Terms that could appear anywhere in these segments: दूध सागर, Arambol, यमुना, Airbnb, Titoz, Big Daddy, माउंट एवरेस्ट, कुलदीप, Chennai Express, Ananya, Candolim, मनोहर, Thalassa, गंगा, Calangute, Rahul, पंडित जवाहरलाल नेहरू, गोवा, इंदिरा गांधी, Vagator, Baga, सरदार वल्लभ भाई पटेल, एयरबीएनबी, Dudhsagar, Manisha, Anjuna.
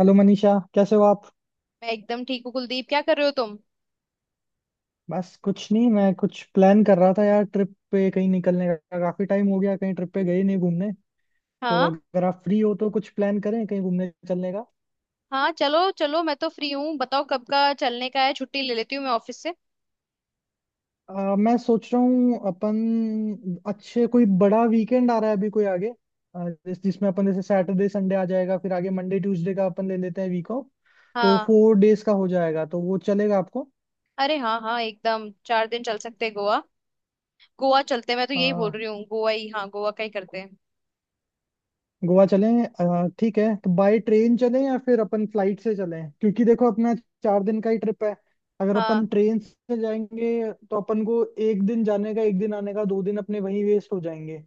Hello Manisha, कैसे हो आप। मैं एकदम ठीक हूँ कुलदीप। क्या कर रहे हो तुम? बस कुछ नहीं, मैं कुछ प्लान कर रहा था यार, ट्रिप पे कहीं निकलने का। काफी टाइम हो गया, कहीं ट्रिप पे गए नहीं घूमने। तो हाँ। अगर आप फ्री हो तो कुछ प्लान करें कहीं घूमने चलने का। हाँ, चलो चलो, मैं तो फ्री हूँ। बताओ कब का चलने का है, छुट्टी ले लेती हूँ मैं ऑफिस से। मैं सोच रहा हूँ अपन अच्छे कोई बड़ा वीकेंड आ रहा है अभी कोई आगे। जिसमें अपन जैसे सैटरडे संडे आ जाएगा, फिर आगे मंडे ट्यूसडे का अपन ले लेते हैं वीक ऑफ। तो हाँ। 4 डेज का हो जाएगा, तो वो चलेगा आपको। अरे हाँ हाँ, एकदम चार दिन चल सकते हैं। गोवा, गोवा चलते हैं, मैं तो यही बोल रही हूँ, गोवा ही, हाँ गोवा का ही करते हैं। गोवा चलें, ठीक है। तो बाय ट्रेन चलें या फिर अपन फ्लाइट से चलें, क्योंकि देखो अपना 4 दिन का ही ट्रिप है। अगर अपन हाँ। ट्रेन से जाएंगे तो अपन को 1 दिन जाने का, 1 दिन आने का, 2 दिन अपने वहीं वेस्ट हो जाएंगे।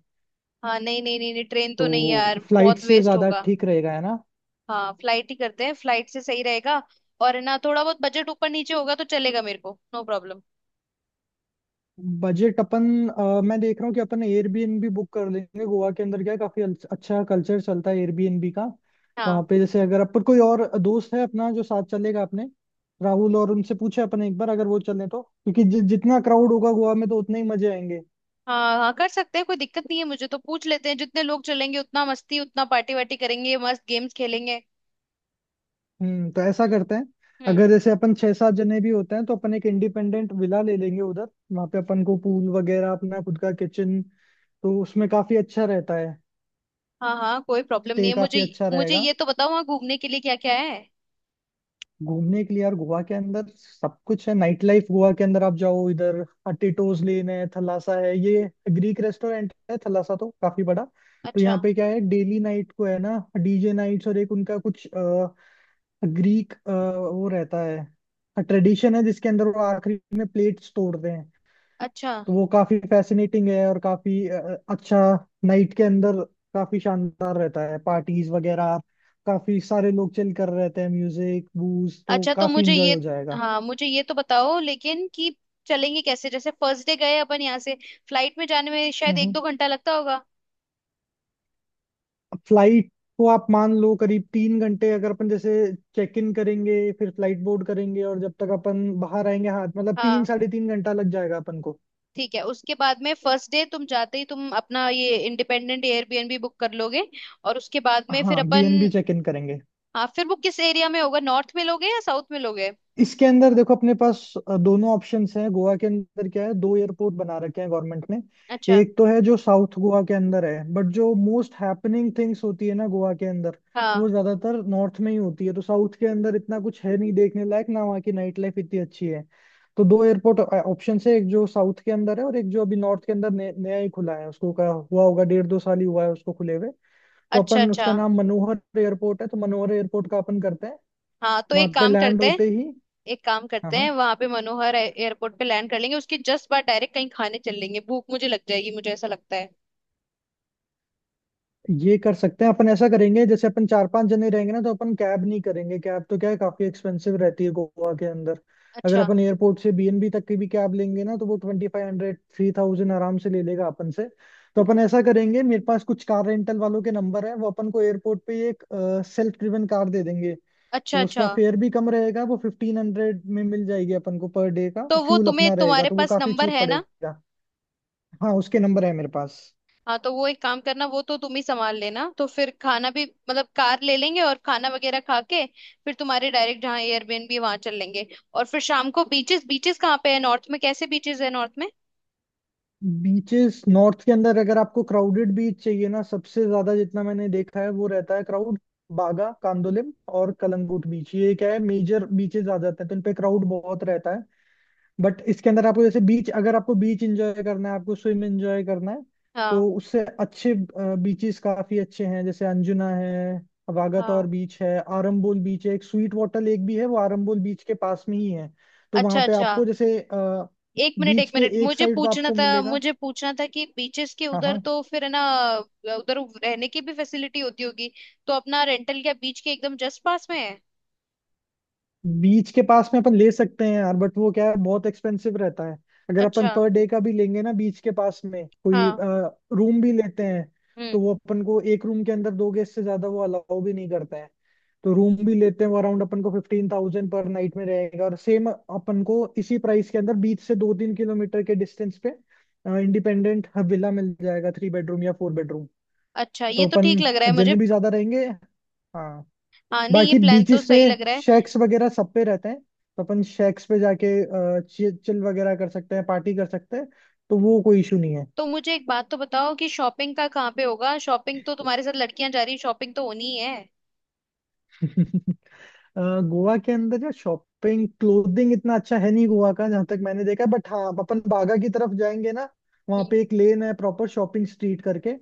हाँ, नहीं नहीं नहीं नहीं, ट्रेन तो नहीं यार, तो फ्लाइट बहुत से वेस्ट ज्यादा होगा। ठीक रहेगा, है ना। हाँ, फ्लाइट ही करते हैं, फ्लाइट से सही रहेगा। और है ना, थोड़ा बहुत बजट ऊपर नीचे होगा तो चलेगा मेरे को, नो प्रॉब्लम। बजट अपन, मैं देख रहा हूँ कि अपन एयरबीएनबी बुक कर लेंगे। गोवा के अंदर क्या है, काफी अच्छा कल्चर चलता है एयरबीएनबी का। वहां हाँ। पे जैसे, अगर अपन कोई और दोस्त है अपना जो साथ चलेगा अपने, राहुल और उनसे पूछे अपन एक बार अगर वो चले तो, क्योंकि जितना क्राउड होगा गोवा में तो उतने ही मजे आएंगे। हाँ हाँ, कर सकते हैं, कोई दिक्कत नहीं है मुझे, तो पूछ लेते हैं। जितने लोग चलेंगे उतना मस्ती, उतना पार्टी वार्टी करेंगे, मस्त गेम्स खेलेंगे। तो ऐसा करते हैं, हम्म। अगर जैसे अपन 6-7 जने भी होते हैं तो अपन एक इंडिपेंडेंट विला ले लेंगे उधर। वहां पे अपन को पूल वगैरह, अपना खुद का किचन, तो उसमें काफी अच्छा रहता है। हाँ हाँ, कोई प्रॉब्लम नहीं स्टे है मुझे। काफी अच्छा मुझे रहेगा। ये तो बताओ, वहाँ घूमने के लिए क्या क्या है? घूमने के लिए यार गोवा के अंदर सब कुछ है। नाइट लाइफ गोवा के अंदर, आप जाओ इधर टिटोज लेन है, थलासा है, ये ग्रीक रेस्टोरेंट है। थलासा तो काफी बड़ा, तो अच्छा। यहाँ पे क्या है, डेली नाइट को है ना डीजे नाइट्स। और एक उनका कुछ ग्रीक वो रहता है, ट्रेडिशन है जिसके अंदर वो आखिरी में प्लेट्स तोड़ते हैं। अच्छा, तो वो काफी फैसिनेटिंग है, और काफी अच्छा नाइट के अंदर काफी शानदार रहता है। पार्टीज वगैरह, काफी सारे लोग चिल कर रहते हैं, म्यूजिक बूज, तो अच्छा तो काफी मुझे इंजॉय ये, हो जाएगा। हाँ मुझे ये तो बताओ लेकिन कि चलेंगे कैसे? जैसे फर्स्ट डे गए अपन यहाँ से, फ्लाइट में जाने में शायद एक हम्म दो घंटा लगता होगा। फ्लाइट को आप मान लो करीब 3 घंटे। अगर अपन जैसे चेक इन करेंगे, फिर फ्लाइट बोर्ड करेंगे और जब तक अपन बाहर आएंगे, हाँ, मतलब तीन हाँ। साढ़े तीन घंटा लग जाएगा अपन को। ठीक है, उसके बाद में फर्स्ट डे तुम जाते ही तुम अपना ये इंडिपेंडेंट एयरबीएनबी बुक कर लोगे, और उसके बाद में फिर हाँ, अपन। बीएनबी चेक इन करेंगे। हाँ, फिर वो किस एरिया में होगा, नॉर्थ में लोगे या साउथ में लोगे? इसके अंदर देखो, अपने पास दोनों ऑप्शंस हैं। गोवा के अंदर क्या है, 2 एयरपोर्ट बना रखे हैं गवर्नमेंट ने। अच्छा। एक तो है जो साउथ गोवा के अंदर है, बट जो मोस्ट हैपनिंग थिंग्स होती है ना गोवा के अंदर, हाँ। वो ज्यादातर नॉर्थ में ही होती है। तो साउथ के अंदर इतना कुछ है नहीं देखने लायक, ना वहाँ की नाइट लाइफ इतनी अच्छी है। तो 2 एयरपोर्ट ऑप्शन है, एक जो साउथ के अंदर है और एक जो अभी नॉर्थ के अंदर नया नया ही खुला है। उसको का हुआ होगा, 1.5-2 साल ही हुआ है उसको खुले हुए। तो अच्छा अपन, अच्छा। उसका नाम मनोहर एयरपोर्ट है, तो मनोहर एयरपोर्ट का अपन करते हैं। हाँ, तो वहां एक पे काम लैंड करते हैं। होते ही, एक काम हाँ करते हैं, हाँ। वहां पे मनोहर एयरपोर्ट पे लैंड कर लेंगे, उसके जस्ट बाद डायरेक्ट कहीं खाने चल लेंगे। भूख मुझे लग जाएगी, मुझे ऐसा लगता है। ये कर सकते हैं। अपन ऐसा करेंगे, जैसे अपन 4-5 जने रहेंगे ना, तो अपन कैब नहीं करेंगे। कैब तो क्या है, काफी एक्सपेंसिव रहती है गोवा के अंदर। अगर अच्छा अपन एयरपोर्ट से बीएनबी तक की भी कैब लेंगे ना, तो वो 2500-3000 आराम से ले लेगा अपन से। तो अपन ऐसा करेंगे, मेरे पास कुछ कार रेंटल वालों के नंबर है, वो अपन को एयरपोर्ट पे ही एक सेल्फ ड्रिवन कार दे देंगे। अच्छा। तो अच्छा, उसका फेयर भी कम रहेगा, वो 1500 में मिल जाएगी अपन को पर डे का। तो वो फ्यूल तुम्हें, अपना रहेगा, तुम्हारे तो वो पास काफी नंबर चीप है ना? पड़ेगा। हाँ, उसके नंबर है मेरे पास। हाँ, तो वो एक काम करना, वो तो तुम ही संभाल लेना। तो फिर खाना भी, मतलब कार ले लेंगे और खाना वगैरह खा के फिर तुम्हारे डायरेक्ट जहाँ एयरबीएनबी, वहां चल लेंगे। और फिर शाम को बीचेस, बीचेस कहाँ पे है नॉर्थ में? कैसे बीचेस है नॉर्थ में? बीचेस नॉर्थ के अंदर, अगर आपको क्राउडेड बीच चाहिए ना, सबसे ज्यादा जितना मैंने देखा है वो रहता है क्राउड बागा, कांदोलिम और कलंगूट बीच। ये क्या है, मेजर बीचेस आ जाते हैं, तो इन पे क्राउड बहुत रहता है। बट इसके अंदर आपको जैसे बीच, अगर आपको बीच एंजॉय करना है, आपको स्विम एंजॉय करना है, हाँ। तो उससे अच्छे बीचेस काफी अच्छे हैं। जैसे अंजुना है, हाँ। वागातोर बीच है, आरंबोल बीच है, एक स्वीट वाटर लेक भी है वो आरंबोल बीच के पास में ही है। तो अच्छा वहां पे अच्छा। आपको जैसे एक मिनट बीच एक के मिनट, एक मुझे साइड तो पूछना आपको था, मिलेगा। मुझे पूछना था कि बीचेस के हाँ उधर हाँ। तो फिर है ना उधर रहने की भी फैसिलिटी होती होगी, तो अपना रेंटल क्या बीच के एकदम जस्ट पास में है? बीच के पास में अपन ले सकते हैं यार, बट वो क्या है, बहुत एक्सपेंसिव रहता है। अगर अपन अच्छा। पर डे का भी लेंगे ना बीच के पास में कोई हाँ। रूम भी लेते हैं, तो हम्म। वो अपन को एक रूम के अंदर दो गेस्ट से ज्यादा वो अलाउ भी नहीं करते हैं। तो रूम भी लेते हैं वो अराउंड अपन को 15,000 पर नाइट में रहेगा। और सेम अपन को इसी प्राइस के अंदर बीच से 2-3 किलोमीटर के डिस्टेंस पे इंडिपेंडेंट विला मिल जाएगा, 3 बेडरूम या 4 बेडरूम। अच्छा, ये तो तो ठीक अपन लग रहा है मुझे। जने भी ज्यादा रहेंगे, हाँ। हाँ, नहीं ये बाकी प्लान तो बीचेस पे सही लग रहा है। शेक्स वगैरह सब पे रहते हैं, तो अपन शेक्स पे जाके चिल वगैरह कर सकते हैं, पार्टी कर सकते हैं। तो वो कोई इशू नहीं है। तो मुझे एक बात तो बताओ कि शॉपिंग का कहाँ पे होगा? शॉपिंग तो, तुम्हारे साथ लड़कियां जा रही हैं, शॉपिंग तो होनी ही है। गोवा के अंदर या शॉपिंग, क्लोथिंग इतना अच्छा है नहीं गोवा का जहां तक मैंने देखा। बट हाँ, अपन बागा की तरफ जाएंगे ना, वहाँ हम्म। पे एक लेन है, प्रॉपर शॉपिंग स्ट्रीट करके।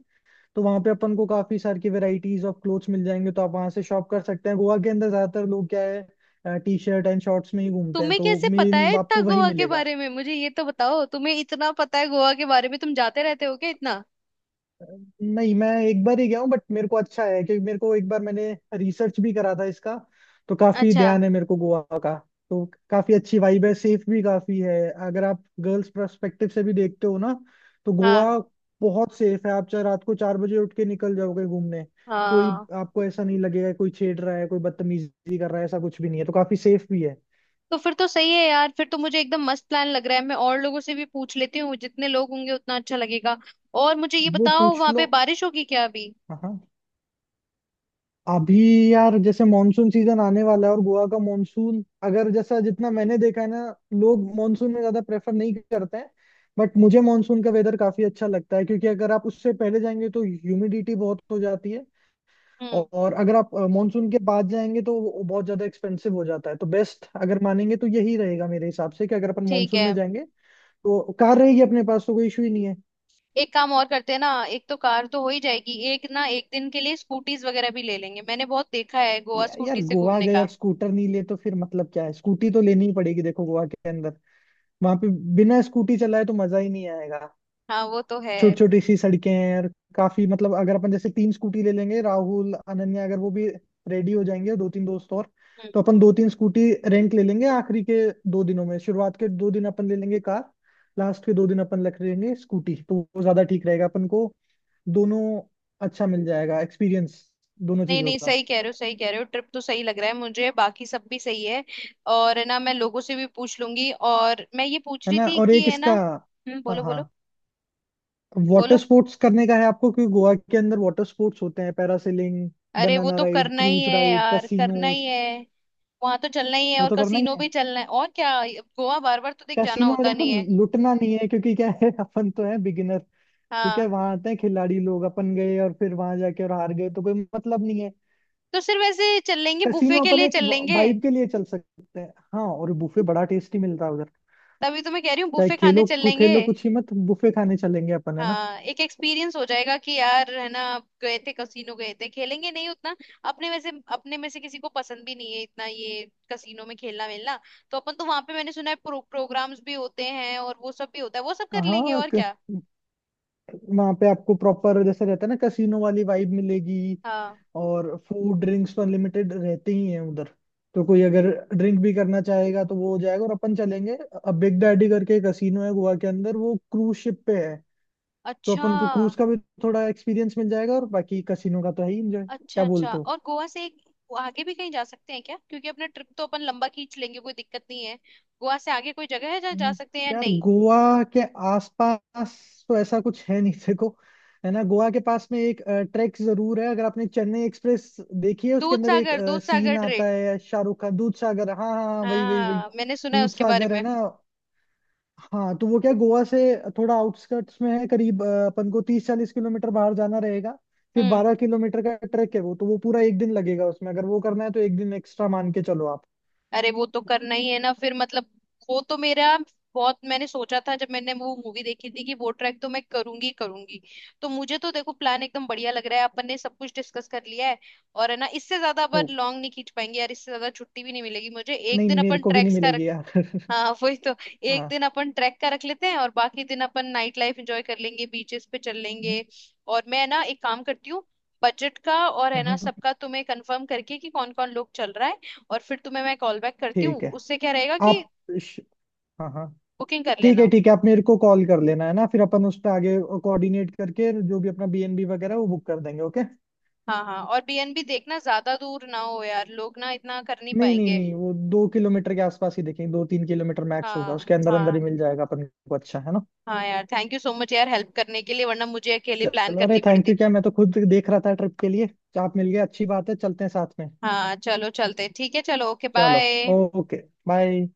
तो वहाँ पे अपन को काफी सारी की वेराइटीज ऑफ क्लोथ्स मिल जाएंगे, तो आप वहाँ से शॉप कर सकते हैं। गोवा के अंदर ज्यादातर लोग क्या है, टी शर्ट एंड शॉर्ट्स में ही घूमते हैं, तुम्हें तो कैसे पता है मेन इतना आपको वही गोवा के मिलेगा। बारे में? मुझे ये तो बताओ, तुम्हें इतना पता है गोवा के बारे में, तुम जाते रहते हो क्या इतना? नहीं, मैं एक बार ही गया हूँ, बट मेरे को अच्छा है क्योंकि मेरे को एक बार मैंने रिसर्च भी करा था इसका, तो काफी अच्छा। ध्यान है मेरे को गोवा का। तो काफी अच्छी वाइब है, सेफ भी काफी है। अगर आप गर्ल्स पर्सपेक्टिव से भी देखते हो ना, तो हाँ। गोवा बहुत सेफ है। आप चाहे रात को 4 बजे उठ के निकल जाओगे घूमने, कोई, हाँ, आपको ऐसा नहीं लगेगा कोई छेड़ रहा है, कोई बदतमीजी कर रहा है, ऐसा कुछ भी नहीं है। तो काफी सेफ भी है। तो फिर तो सही है यार। फिर तो मुझे एकदम मस्त प्लान लग रहा है। मैं और लोगों से भी पूछ लेती हूँ, जितने लोग होंगे उतना अच्छा लगेगा। और मुझे ये वो बताओ, पूछ वहां पे लो। बारिश होगी क्या अभी? हाँ हाँ। अभी यार जैसे मॉनसून सीजन आने वाला है, और गोवा का मॉनसून, अगर जैसा जितना मैंने देखा है ना, लोग मॉनसून में ज्यादा प्रेफर नहीं करते हैं। बट मुझे मॉनसून का वेदर काफी अच्छा लगता है, क्योंकि अगर आप उससे पहले जाएंगे तो ह्यूमिडिटी बहुत हो जाती है, हम्म। और अगर आप मॉनसून के बाद जाएंगे तो वो बहुत ज्यादा एक्सपेंसिव हो जाता है। तो बेस्ट अगर मानेंगे तो यही रहेगा मेरे हिसाब से कि अगर अपन ठीक मॉनसून में है। जाएंगे तो कार रहेगी अपने पास, तो कोई इशू ही नहीं है। एक काम और करते हैं ना, एक तो कार तो हो ही जाएगी, एक ना एक दिन के लिए स्कूटीज वगैरह भी ले लेंगे। मैंने बहुत देखा है गोवा यार स्कूटी से गोवा घूमने गए और का। स्कूटर नहीं ले, तो फिर मतलब क्या है। स्कूटी तो लेनी ही पड़ेगी, देखो गोवा के वहां पे बिना स्कूटी चलाए तो मजा ही नहीं आएगा। हाँ, वो तो है। छोटी छोटी सी सड़कें हैं, और काफी मतलब अगर अपन जैसे 3 स्कूटी ले लेंगे, राहुल अनन्या अगर वो भी रेडी हो जाएंगे, 2-3 दोस्त और, हम्म। तो अपन 2-3 स्कूटी रेंट ले लेंगे आखिरी के 2 दिनों में। शुरुआत के 2 दिन अपन ले लेंगे कार, लास्ट के 2 दिन अपन रख लेंगे स्कूटी, तो वो ज्यादा ठीक रहेगा अपन को। दोनों अच्छा मिल जाएगा एक्सपीरियंस दोनों नहीं चीजों नहीं, का। सही कह रहे हो सही कह रहे हो, ट्रिप तो सही लग रहा है मुझे, बाकी सब भी सही है। और है ना, मैं लोगों से भी पूछ लूंगी। और मैं ये पूछ है रही ना, थी और कि एक है ना। इसका, हम्म, हाँ बोलो हाँ, बोलो। वाटर बोलो। स्पोर्ट्स करने का है आपको, क्योंकि गोवा के अंदर वाटर स्पोर्ट्स होते हैं, पैरासेलिंग, अरे वो बनाना तो राइड, करना ही क्रूज है राइड, यार, करना ही कैसीनोस, है। वहां तो चलना ही है, वो और तो करना ही कसीनो है। भी चलना है और क्या। गोवा बार बार तो देख जाना कैसीनो में होता देखो, नहीं है। लुटना नहीं है, क्योंकि क्या है अपन तो है बिगिनर, ठीक है। हाँ, वहां आते हैं खिलाड़ी लोग, अपन गए और फिर वहां जाके और हार गए तो कोई मतलब नहीं है। तो सिर्फ ऐसे चल लेंगे, बुफे कैसीनो के अपन लिए एक चल लेंगे। वाइब के लिए चल सकते हैं, हाँ। और बुफे बड़ा टेस्टी मिलता है उधर। तभी तो मैं कह रही हूँ, चाहे बुफे खाने खेलो चल लेंगे। खेलो कुछ ही मत, बुफे खाने चलेंगे अपन, है ना। हाँ, एक एक्सपीरियंस हो जाएगा कि यार है ना, आप गए थे कसीनो, गए थे। खेलेंगे नहीं उतना। अपने में से किसी को पसंद भी नहीं है इतना ये कसीनो में खेलना मिलना। तो अपन तो वहां पे, मैंने सुना है प्रोग्राम्स भी होते हैं और वो सब भी होता है, वो सब कर लेंगे हाँ, और क्या। वहां पे आपको प्रॉपर जैसे रहता है ना कैसीनो वाली वाइब मिलेगी। हाँ। और फूड ड्रिंक्स पर लिमिटेड रहते ही हैं उधर, तो कोई अगर ड्रिंक भी करना चाहेगा तो वो हो जाएगा, और अपन चलेंगे। अब बिग डैडी करके कसीनो है गोवा के अंदर, वो क्रूज शिप पे है, तो अच्छा अपन को क्रूज का भी थोड़ा एक्सपीरियंस मिल जाएगा। और बाकी कसीनो का तो है ही एंजॉय, अच्छा। क्या अच्छा, बोलते हो। और गोवा से एक आगे भी कहीं जा सकते हैं क्या? क्योंकि अपना ट्रिप तो अपन लंबा खींच लेंगे, कोई दिक्कत नहीं है। गोवा से आगे कोई जगह है जहाँ जा हम्म। सकते हैं या यार नहीं? गोवा के आसपास तो ऐसा कुछ है नहीं, देखो, है ना। गोवा के पास में एक ट्रैक जरूर है, अगर आपने चेन्नई एक्सप्रेस देखी है, उसके दूध अंदर एक सागर, दूध सागर सीन आता ट्रेक। है शाहरुख का, दूध सागर। हाँ हाँ हाँ, वही वही वही, हाँ, मैंने सुना है दूध उसके बारे सागर है में। ना। हाँ, तो वो क्या, गोवा से थोड़ा आउटस्कर्ट्स में है, करीब अपन को 30-40 किलोमीटर बाहर जाना रहेगा। फिर हम्म। 12 किलोमीटर का ट्रैक है वो, तो वो पूरा 1 दिन लगेगा उसमें। अगर वो करना है तो 1 दिन एक्स्ट्रा मान के चलो आप। अरे वो तो करना ही है ना फिर, मतलब वो तो मेरा, बहुत मैंने सोचा था जब मैंने वो मूवी देखी थी कि वो ट्रैक तो मैं करूंगी करूंगी। तो मुझे तो देखो प्लान एकदम बढ़िया लग रहा है। अपन ने सब कुछ डिस्कस कर लिया है। और है ना, इससे ज्यादा हो अपन लॉन्ग नहीं खींच पाएंगे यार, इससे ज्यादा छुट्टी भी नहीं मिलेगी मुझे। एक नहीं दिन नहीं, मेरे अपन को भी नहीं ट्रैक्स का। मिलेगी यार। हाँ, वही तो। एक हाँ। दिन अपन ट्रैक का रख लेते हैं और बाकी दिन अपन नाइट लाइफ एंजॉय कर लेंगे, बीचेस पे चल हम्म, लेंगे। और मैं ना एक काम करती हूँ, बजट का और है ना, हम्म, सबका तुम्हें कंफर्म करके कि कौन कौन लोग चल रहा है, और फिर तुम्हें मैं कॉल बैक करती हूँ। ठीक है उससे क्या रहेगा कि आप, श- हाँ हाँ, बुकिंग कर ठीक लेना। है, ठीक है। आप मेरे को कॉल कर लेना, है ना, फिर अपन उस पर आगे कोऑर्डिनेट करके जो भी अपना बीएनबी वगैरह वो बुक कर देंगे, ओके। हाँ हाँ, और बीएनबी देखना ज्यादा दूर ना हो यार, लोग ना इतना कर नहीं नहीं नहीं पाएंगे। नहीं, वो 2 किलोमीटर के आसपास ही देखेंगे, 2-3 किलोमीटर मैक्स होगा, हाँ उसके अंदर अंदर हाँ। ही मिल जाएगा अपन को, अच्छा, है ना। हाँ यार, थैंक यू सो मच यार हेल्प करने के लिए, वरना मुझे अकेले प्लान चलो, अरे करनी थैंक यू पड़ती। क्या, मैं तो खुद देख रहा था ट्रिप के लिए, आप मिल गए अच्छी बात है, चलते हैं साथ में। हाँ चलो चलते, ठीक है, चलो ओके चलो, बाय। Okay, bye.